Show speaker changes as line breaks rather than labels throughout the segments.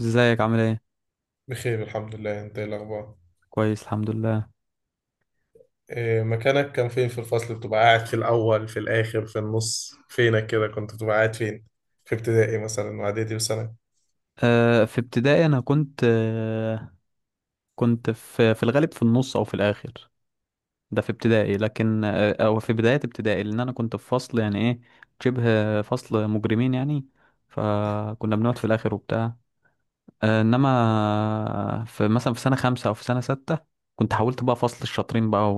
ازيك عامل ايه؟
بخير الحمد لله، انت ايه الاخبار؟
كويس الحمد لله.
إيه مكانك؟ كان فين في الفصل؟ بتبقى قاعد في الاول، في الاخر، في النص؟ فينك كده؟ كنت بتبقى قاعد فين في ابتدائي مثلا واعدادي وثانوي؟
في ابتدائي انا كنت في الغالب في النص او في الاخر. ده في ابتدائي، لكن او في بداية ابتدائي، لان انا كنت في فصل يعني ايه، شبه فصل مجرمين يعني، فكنا بنقعد في الاخر وبتاع. انما مثلا في سنة 5 او في سنة 6، كنت حاولت بقى فصل الشاطرين بقى،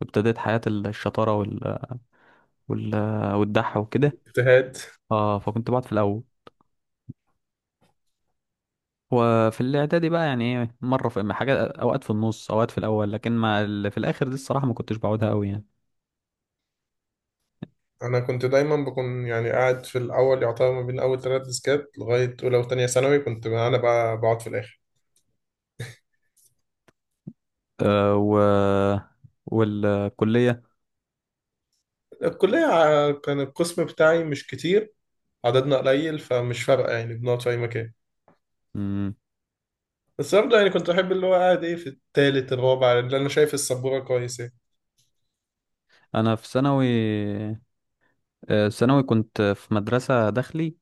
وابتديت حياة الشطارة وال والدح وكده.
اجتهاد.
اه فكنت بقعد في الاول. وفي الاعدادي بقى، يعني ايه، مره في حاجات، اوقات في النص، اوقات في الاول، لكن ما ال- في الاخر دي الصراحه ما كنتش بعودها قوي يعني.
انا كنت دايما بكون يعني قاعد في الاول، يعتبر ما بين اول 3 ديسكات، لغايه اولى وثانيه ثانوي كنت انا بقى بقعد في الاخر.
أه و والكليه
الكلية كان القسم بتاعي مش كتير، عددنا قليل فمش فارقة يعني، بنقعد في أي مكان.
مم.
بس برضه يعني كنت أحب اللي هو قاعد إيه في التالت الرابع، اللي أنا شايف السبورة كويس إيه.
انا في ثانوي، ثانوي كنت في مدرسه داخلي،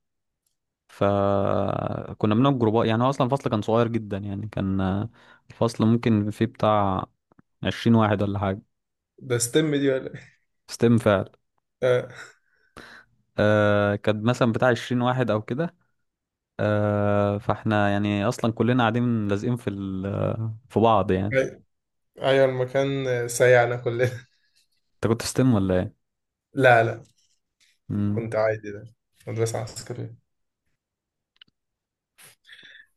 فكنا بنقعد جروبات. يعني هو اصلا الفصل كان صغير جدا، يعني كان آه، الفصل ممكن فيه بتاع 20 واحد ولا حاجه.
ده ستيم دي ولا إيه؟
ستيم فعلا.
آه،
كان مثلا بتاع 20 واحد او كده. فاحنا يعني اصلا كلنا قاعدين لازقين في بعض يعني.
أي- أيوة، المكان سيعنا كلنا.
انت كنت في ستيم ولا ايه؟
لا، لا،
مم.
كنت عادي ده، مدرسة عسكرية.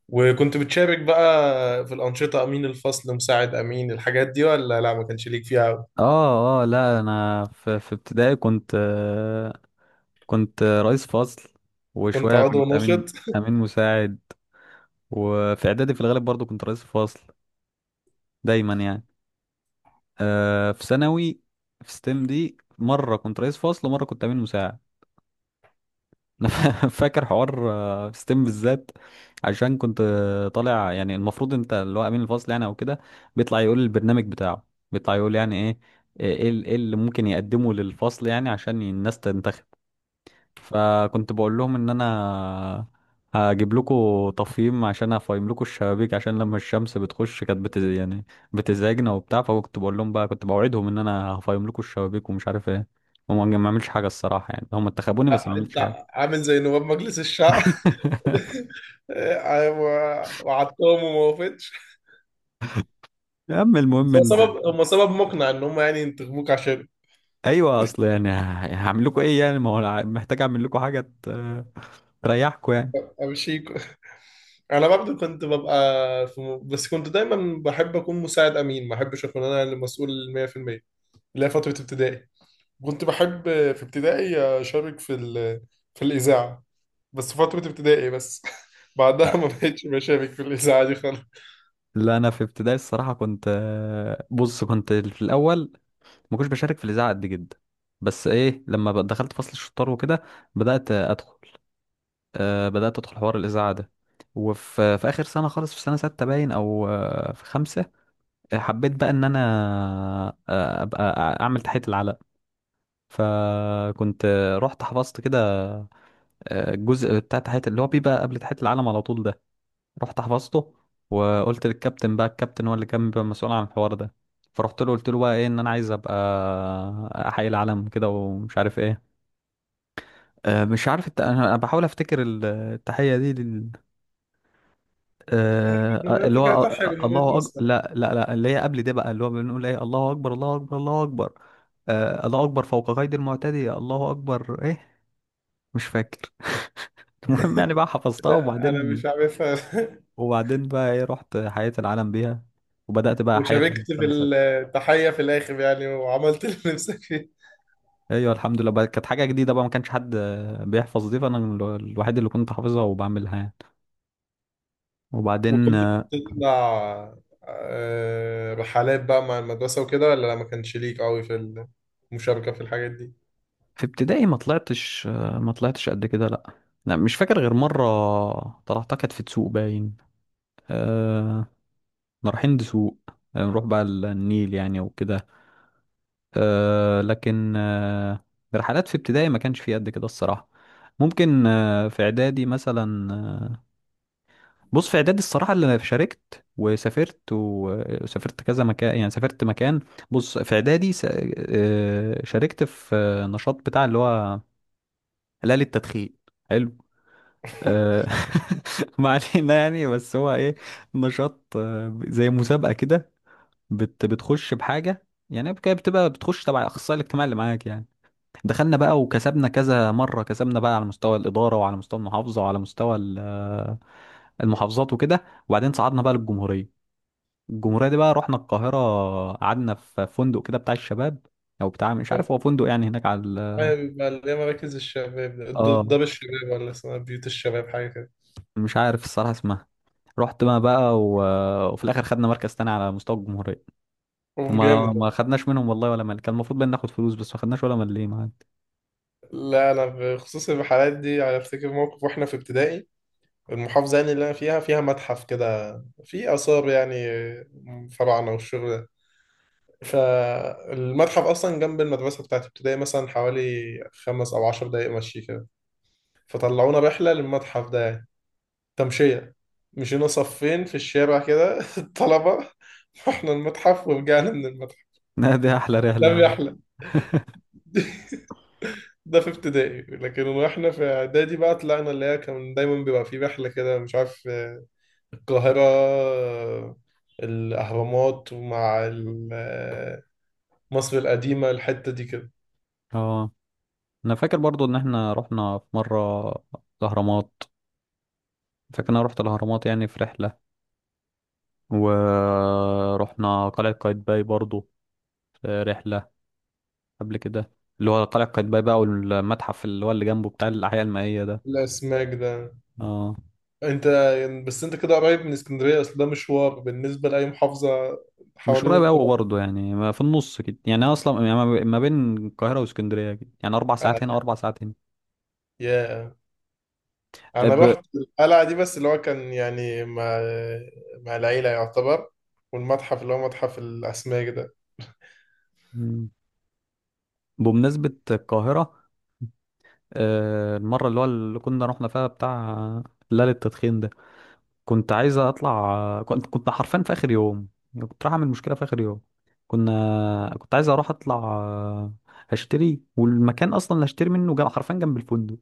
وكنت بتشارك بقى في الأنشطة، أمين الفصل، مساعد أمين، الحاجات دي ولا لا، ما كانش ليك فيها أوي؟
اه اه، لا انا في ابتدائي كنت رئيس فصل،
كنت
وشويه
عضو
كنت امين
ناشط.
امين مساعد. وفي اعدادي في الغالب برضو كنت رئيس فصل دايما يعني. في ثانوي، في ستيم، دي مره كنت رئيس فصل ومره كنت امين مساعد. انا فاكر حوار ستيم بالذات، عشان كنت آه، طالع، يعني المفروض انت اللي هو امين الفصل يعني او كده، بيطلع يقول البرنامج بتاعه، بيطلع يقول يعني إيه اللي ممكن يقدمه للفصل، يعني عشان الناس تنتخب. فكنت بقول لهم ان انا هجيب لكم تفهيم، عشان افهم لكم الشبابيك، عشان لما الشمس بتخش كانت بت يعني بتزعجنا وبتاع. فكنت بقول لهم بقى، كنت بوعدهم ان انا هفهم لكم الشبابيك ومش عارف ايه. هم ما عملش حاجه الصراحه يعني، هم انتخبوني بس ما
آه، أنت
عملتش حاجه.
عامل زي نواب مجلس الشعب. أيوة، وعدتهم وما وافقتش.
يا عم المهم
بس هو
ان
سبب، هم سبب مقنع ان هم يعني ينتخبوك عشان
ايوه، اصل يعني هعمل لكم ايه يعني؟ ما هو أنا محتاج اعمل لكم حاجه تريحكم يعني.
امشيك. انا برضه كنت ببقى في بس كنت دايما بحب اكون مساعد امين، ما احبش اكون انا اللي مسؤول 100%، اللي هي فتره ابتدائي. كنت بحب في ابتدائي اشارك في في الاذاعه، بس فتره ابتدائي بس. بعدها ما بقتش بشارك في الاذاعه دي خالص.
لا انا في ابتدائي الصراحه كنت آه، بص، كنت في الاول ما كنتش بشارك في الاذاعه قد جدا. بس ايه، لما بقى دخلت فصل الشطار وكده، بدات ادخل بدات ادخل حوار الاذاعه ده. في اخر سنه خالص، في سنه 6 باين، او في خمسه، حبيت بقى ان انا ابقى اعمل تحيه العلم. فكنت رحت حفظت كده الجزء بتاع تحية اللي هو بيبقى قبل تحية العلم على طول ده، رحت حفظته. وقلت للكابتن بقى، الكابتن هو اللي كان بيبقى مسؤول عن الحوار ده، فرحت له قلت له بقى ايه، ان انا عايز ابقى احيي العلم كده ومش عارف ايه. مش عارف انا بحاول افتكر التحية دي.
أنا
اللي هو
فكرتها حلوه بيت
الله أكبر،
مصر.
لا لا لا، اللي هي قبل ده بقى، اللي هو بنقول ايه، الله اكبر، الله اكبر، الله اكبر. الله اكبر فوق قيد المعتدي، الله اكبر، ايه، مش فاكر. المهم يعني بقى حفظتها،
لا، انا
وبعدين
مش عارفها.
وبعدين بقى ايه رحت حياة العالم بيها، وبدأت بقى احيي العالم
وشاركت في
سنة ستة.
التحية في الآخر يعني، وعملت اللي نفسك فيه.
ايوه الحمد لله بقى، كانت حاجة جديدة بقى، ما كانش حد بيحفظ دي، فانا الوحيد اللي كنت حافظها وبعملها يعني. وبعدين
وكنت
آه،
بتطلع رحلات بقى مع المدرسة وكده، ولا لا، ما كانش ليك قوي في المشاركة في الحاجات دي؟
في ابتدائي ما طلعتش قد كده، لا. لا، مش فاكر غير مرة طلعتها، كانت في تسوق باين. أه كنا رايحين دسوق، نروح بقى النيل يعني وكده. لكن رحلات في ابتدائي ما كانش في قد كده الصراحة. ممكن في اعدادي مثلا. بص في اعدادي الصراحه، اللي انا شاركت وسافرت وسافرت كذا مكان، يعني سافرت مكان. بص في اعدادي شاركت في نشاط بتاع اللي هو هلال التدخين. حلو. آه، ما علينا يعني، بس هو ايه، نشاط زي مسابقه كده، بتخش بحاجه يعني كده، بتبقى بتخش تبع الاخصائي الاجتماعي اللي معاك يعني. دخلنا بقى وكسبنا كذا مره، كسبنا بقى على مستوى الاداره، وعلى مستوى المحافظه، وعلى مستوى المحافظات وكده. وبعدين صعدنا بقى للجمهوريه. الجمهورية دي بقى رحنا القاهرة، قعدنا في فندق كده بتاع الشباب، أو بتاع مش
لا.
عارف هو فندق يعني، هناك على
أيوة، بيبقى اللي هي مراكز الشباب،
اه
دار الشباب، ولا اسمها بيوت الشباب حاجة كده.
مش عارف الصراحة اسمها. رحت ما بقى وفي الآخر خدنا مركز تاني على مستوى الجمهورية. وما
وجامد
ما
والله.
خدناش منهم والله ولا مال. كان المفروض بقى ناخد فلوس، بس ما خدناش ولا مال معانا.
لا، أنا بخصوص الرحلات دي أنا أفتكر موقف وإحنا في ابتدائي، المحافظة يعني اللي أنا فيها فيها متحف كده، فيه آثار يعني، فراعنة والشغل. فالمتحف اصلا جنب المدرسه بتاعت ابتدائي مثلا، حوالي 5 او 10 دقايق مشي كده. فطلعونا رحله للمتحف ده يعني، تمشيه، مشينا صفين في الشارع كده. الطلبه رحنا المتحف ورجعنا من المتحف.
لا، دي أحلى
ده
رحلة يا عم.
الرحله. ده في ابتدائي، لكن واحنا في اعدادي بقى طلعنا، اللي هي كان دايما بيبقى في رحله كده، مش عارف القاهره، الاهرامات ومع مصر القديمه، الحته دي كده.
اه، أنا فاكر برضو إن إحنا رحنا في مرة الأهرامات، فاكر إن أنا رحت الأهرامات يعني في رحلة، ورحنا قلعة قايتباي برضو في رحلة قبل كده، اللي هو قلعة قايتباي بقى والمتحف اللي هو اللي جنبه بتاع الأحياء المائية ده.
الاسماك ده.
اه.
انت يعني، بس انت كده قريب من اسكندريه، اصل ده مشوار بالنسبه لاي محافظه
مش
حوالين
قريب أوي
القاهره.
برضه يعني، ما في النص كده يعني، أنا أصلا يعني ما بين القاهرة واسكندرية كده يعني أربع
انا
ساعات هنا، 4 ساعات هنا.
يا
أه،
انا
ب...
رحت القلعه دي، بس اللي هو كان يعني مع العيله يعتبر، والمتحف اللي هو متحف الاسماك ده.
مم. بمناسبة القاهرة، المرة اللي كنا رحنا فيها بتاع ليلة التدخين ده، كنت عايز أطلع. كنت حرفيا في آخر يوم، يعني كنت رايح أعمل مشكلة في آخر يوم. كنت عايز أروح أطلع هشتري. والمكان اصلا اللي هشتري منه جنب، حرفيا جنب الفندق.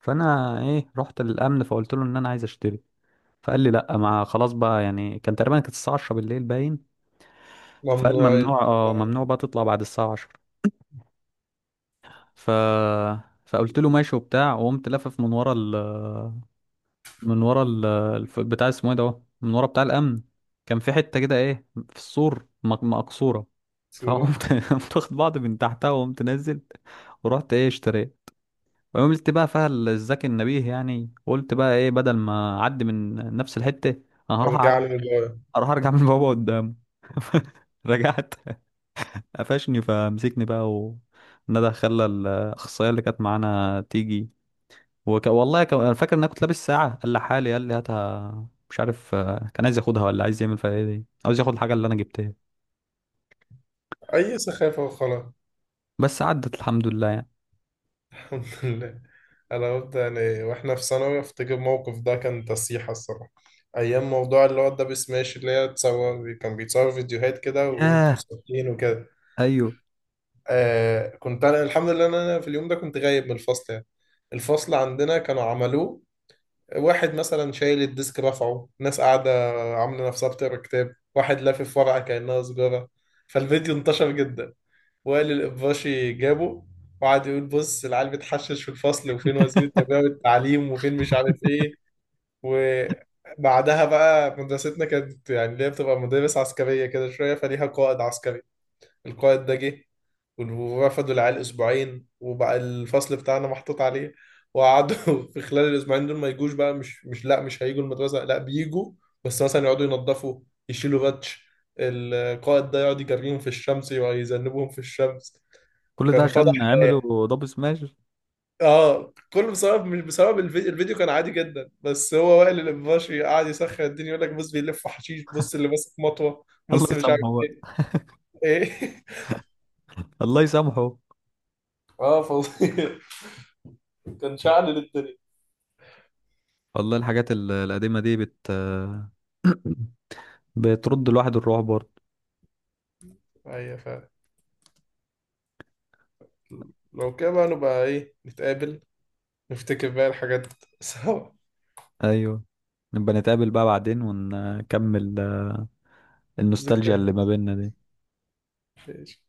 فانا ايه، رحت للامن فقلت له ان انا عايز اشتري. فقال لي لا، ما خلاص بقى، يعني كان تقريبا كانت الساعه 10 بالليل باين. فقال
ممنوع
ممنوع، اه
يطلع
ممنوع بقى تطلع بعد الساعه 10. ف فقلت له ماشي وبتاع، وقمت لافف من ورا من ورا بتاع اسمه ايه ده، اهو، من ورا بتاع الامن. كان في حته كده ايه، في السور، مقصوره،
صوره.
فقمت قمت واخد بعض من تحتها، وقمت نازل، ورحت ايه اشتريت. وعملت بقى فيها الذكي النبيه يعني، قلت بقى ايه بدل ما اعدي من نفس الحته، انا هروح
ارجع
اعدي،
لي للغايه
اروح ارجع من بابا قدام. رجعت، قفشني، فمسكني بقى وندى، خلى الاخصائيه اللي كانت معانا تيجي. والله انا فاكر ان انا كنت لابس ساعه، قال لي حالي، قال لي هاتها. مش عارف كان عايز ياخدها ولا عايز يعمل فيها ايه، دي عاوز ياخد الحاجه اللي انا جبتها.
اي سخافه وخلاص.
بس عدت الحمد لله يعني.
الحمد لله. انا قلت يعني واحنا في ثانوي افتكر موقف، ده كان تصيحه الصراحه، ايام موضوع اللي هو الدبل سماش، اللي هي تصور، كان بيتصور فيديوهات كده وانتوا
ياه،
ساكتين وكده.
ايوه.
آه، كنت انا الحمد لله ان انا في اليوم ده كنت غايب من الفصل يعني. الفصل عندنا كانوا عملوه، واحد مثلا شايل الديسك رفعه، ناس قاعده عامله نفسها بتقرا كتاب، واحد لافف ورقه كانها سجاره. فالفيديو انتشر جدا. وائل القباشي جابه وقعد يقول، بص العيال بتحشش في الفصل، وفين وزير التربيه والتعليم، وفين مش عارف ايه. وبعدها بقى مدرستنا كانت يعني اللي هي بتبقى مدارس عسكريه كده شويه، فليها قائد عسكري. القائد ده جه، ورفضوا العيال اسبوعين، وبقى الفصل بتاعنا محطوط عليه. وقعدوا في خلال الاسبوعين دول ما يجوش بقى، مش مش لا مش هيجوا المدرسه، لا، بيجوا بس مثلا يقعدوا ينظفوا يشيلوا باتش، القائد ده يقعد يجريهم في الشمس ويذنبهم في الشمس.
كل ده
كان فضح
عشان
الآية.
عملوا دبل سماش.
اه، كله بسبب، مش بسبب الفيديو، الفيديو كان عادي جدا، بس هو وائل الابواشي قاعد يسخن الدنيا يقول لك بص بيلف حشيش، بص اللي ماسك مطوه،
الله
بص مش عارف
يسامحه بقى.
ايه.
الله يسامحه.
اه فظيع، كان شعل للدنيا.
والله الحاجات القديمة دي بترد الواحد الروح برضه.
ايوه فعلا. لو كده بقى نبقى ايه نتقابل، نفتكر بقى الحاجات سوا.
ايوه، نبقى نتقابل بقى بعدين ونكمل النوستالجيا
ذكريات.
اللي ما بيننا دي.
ماشي.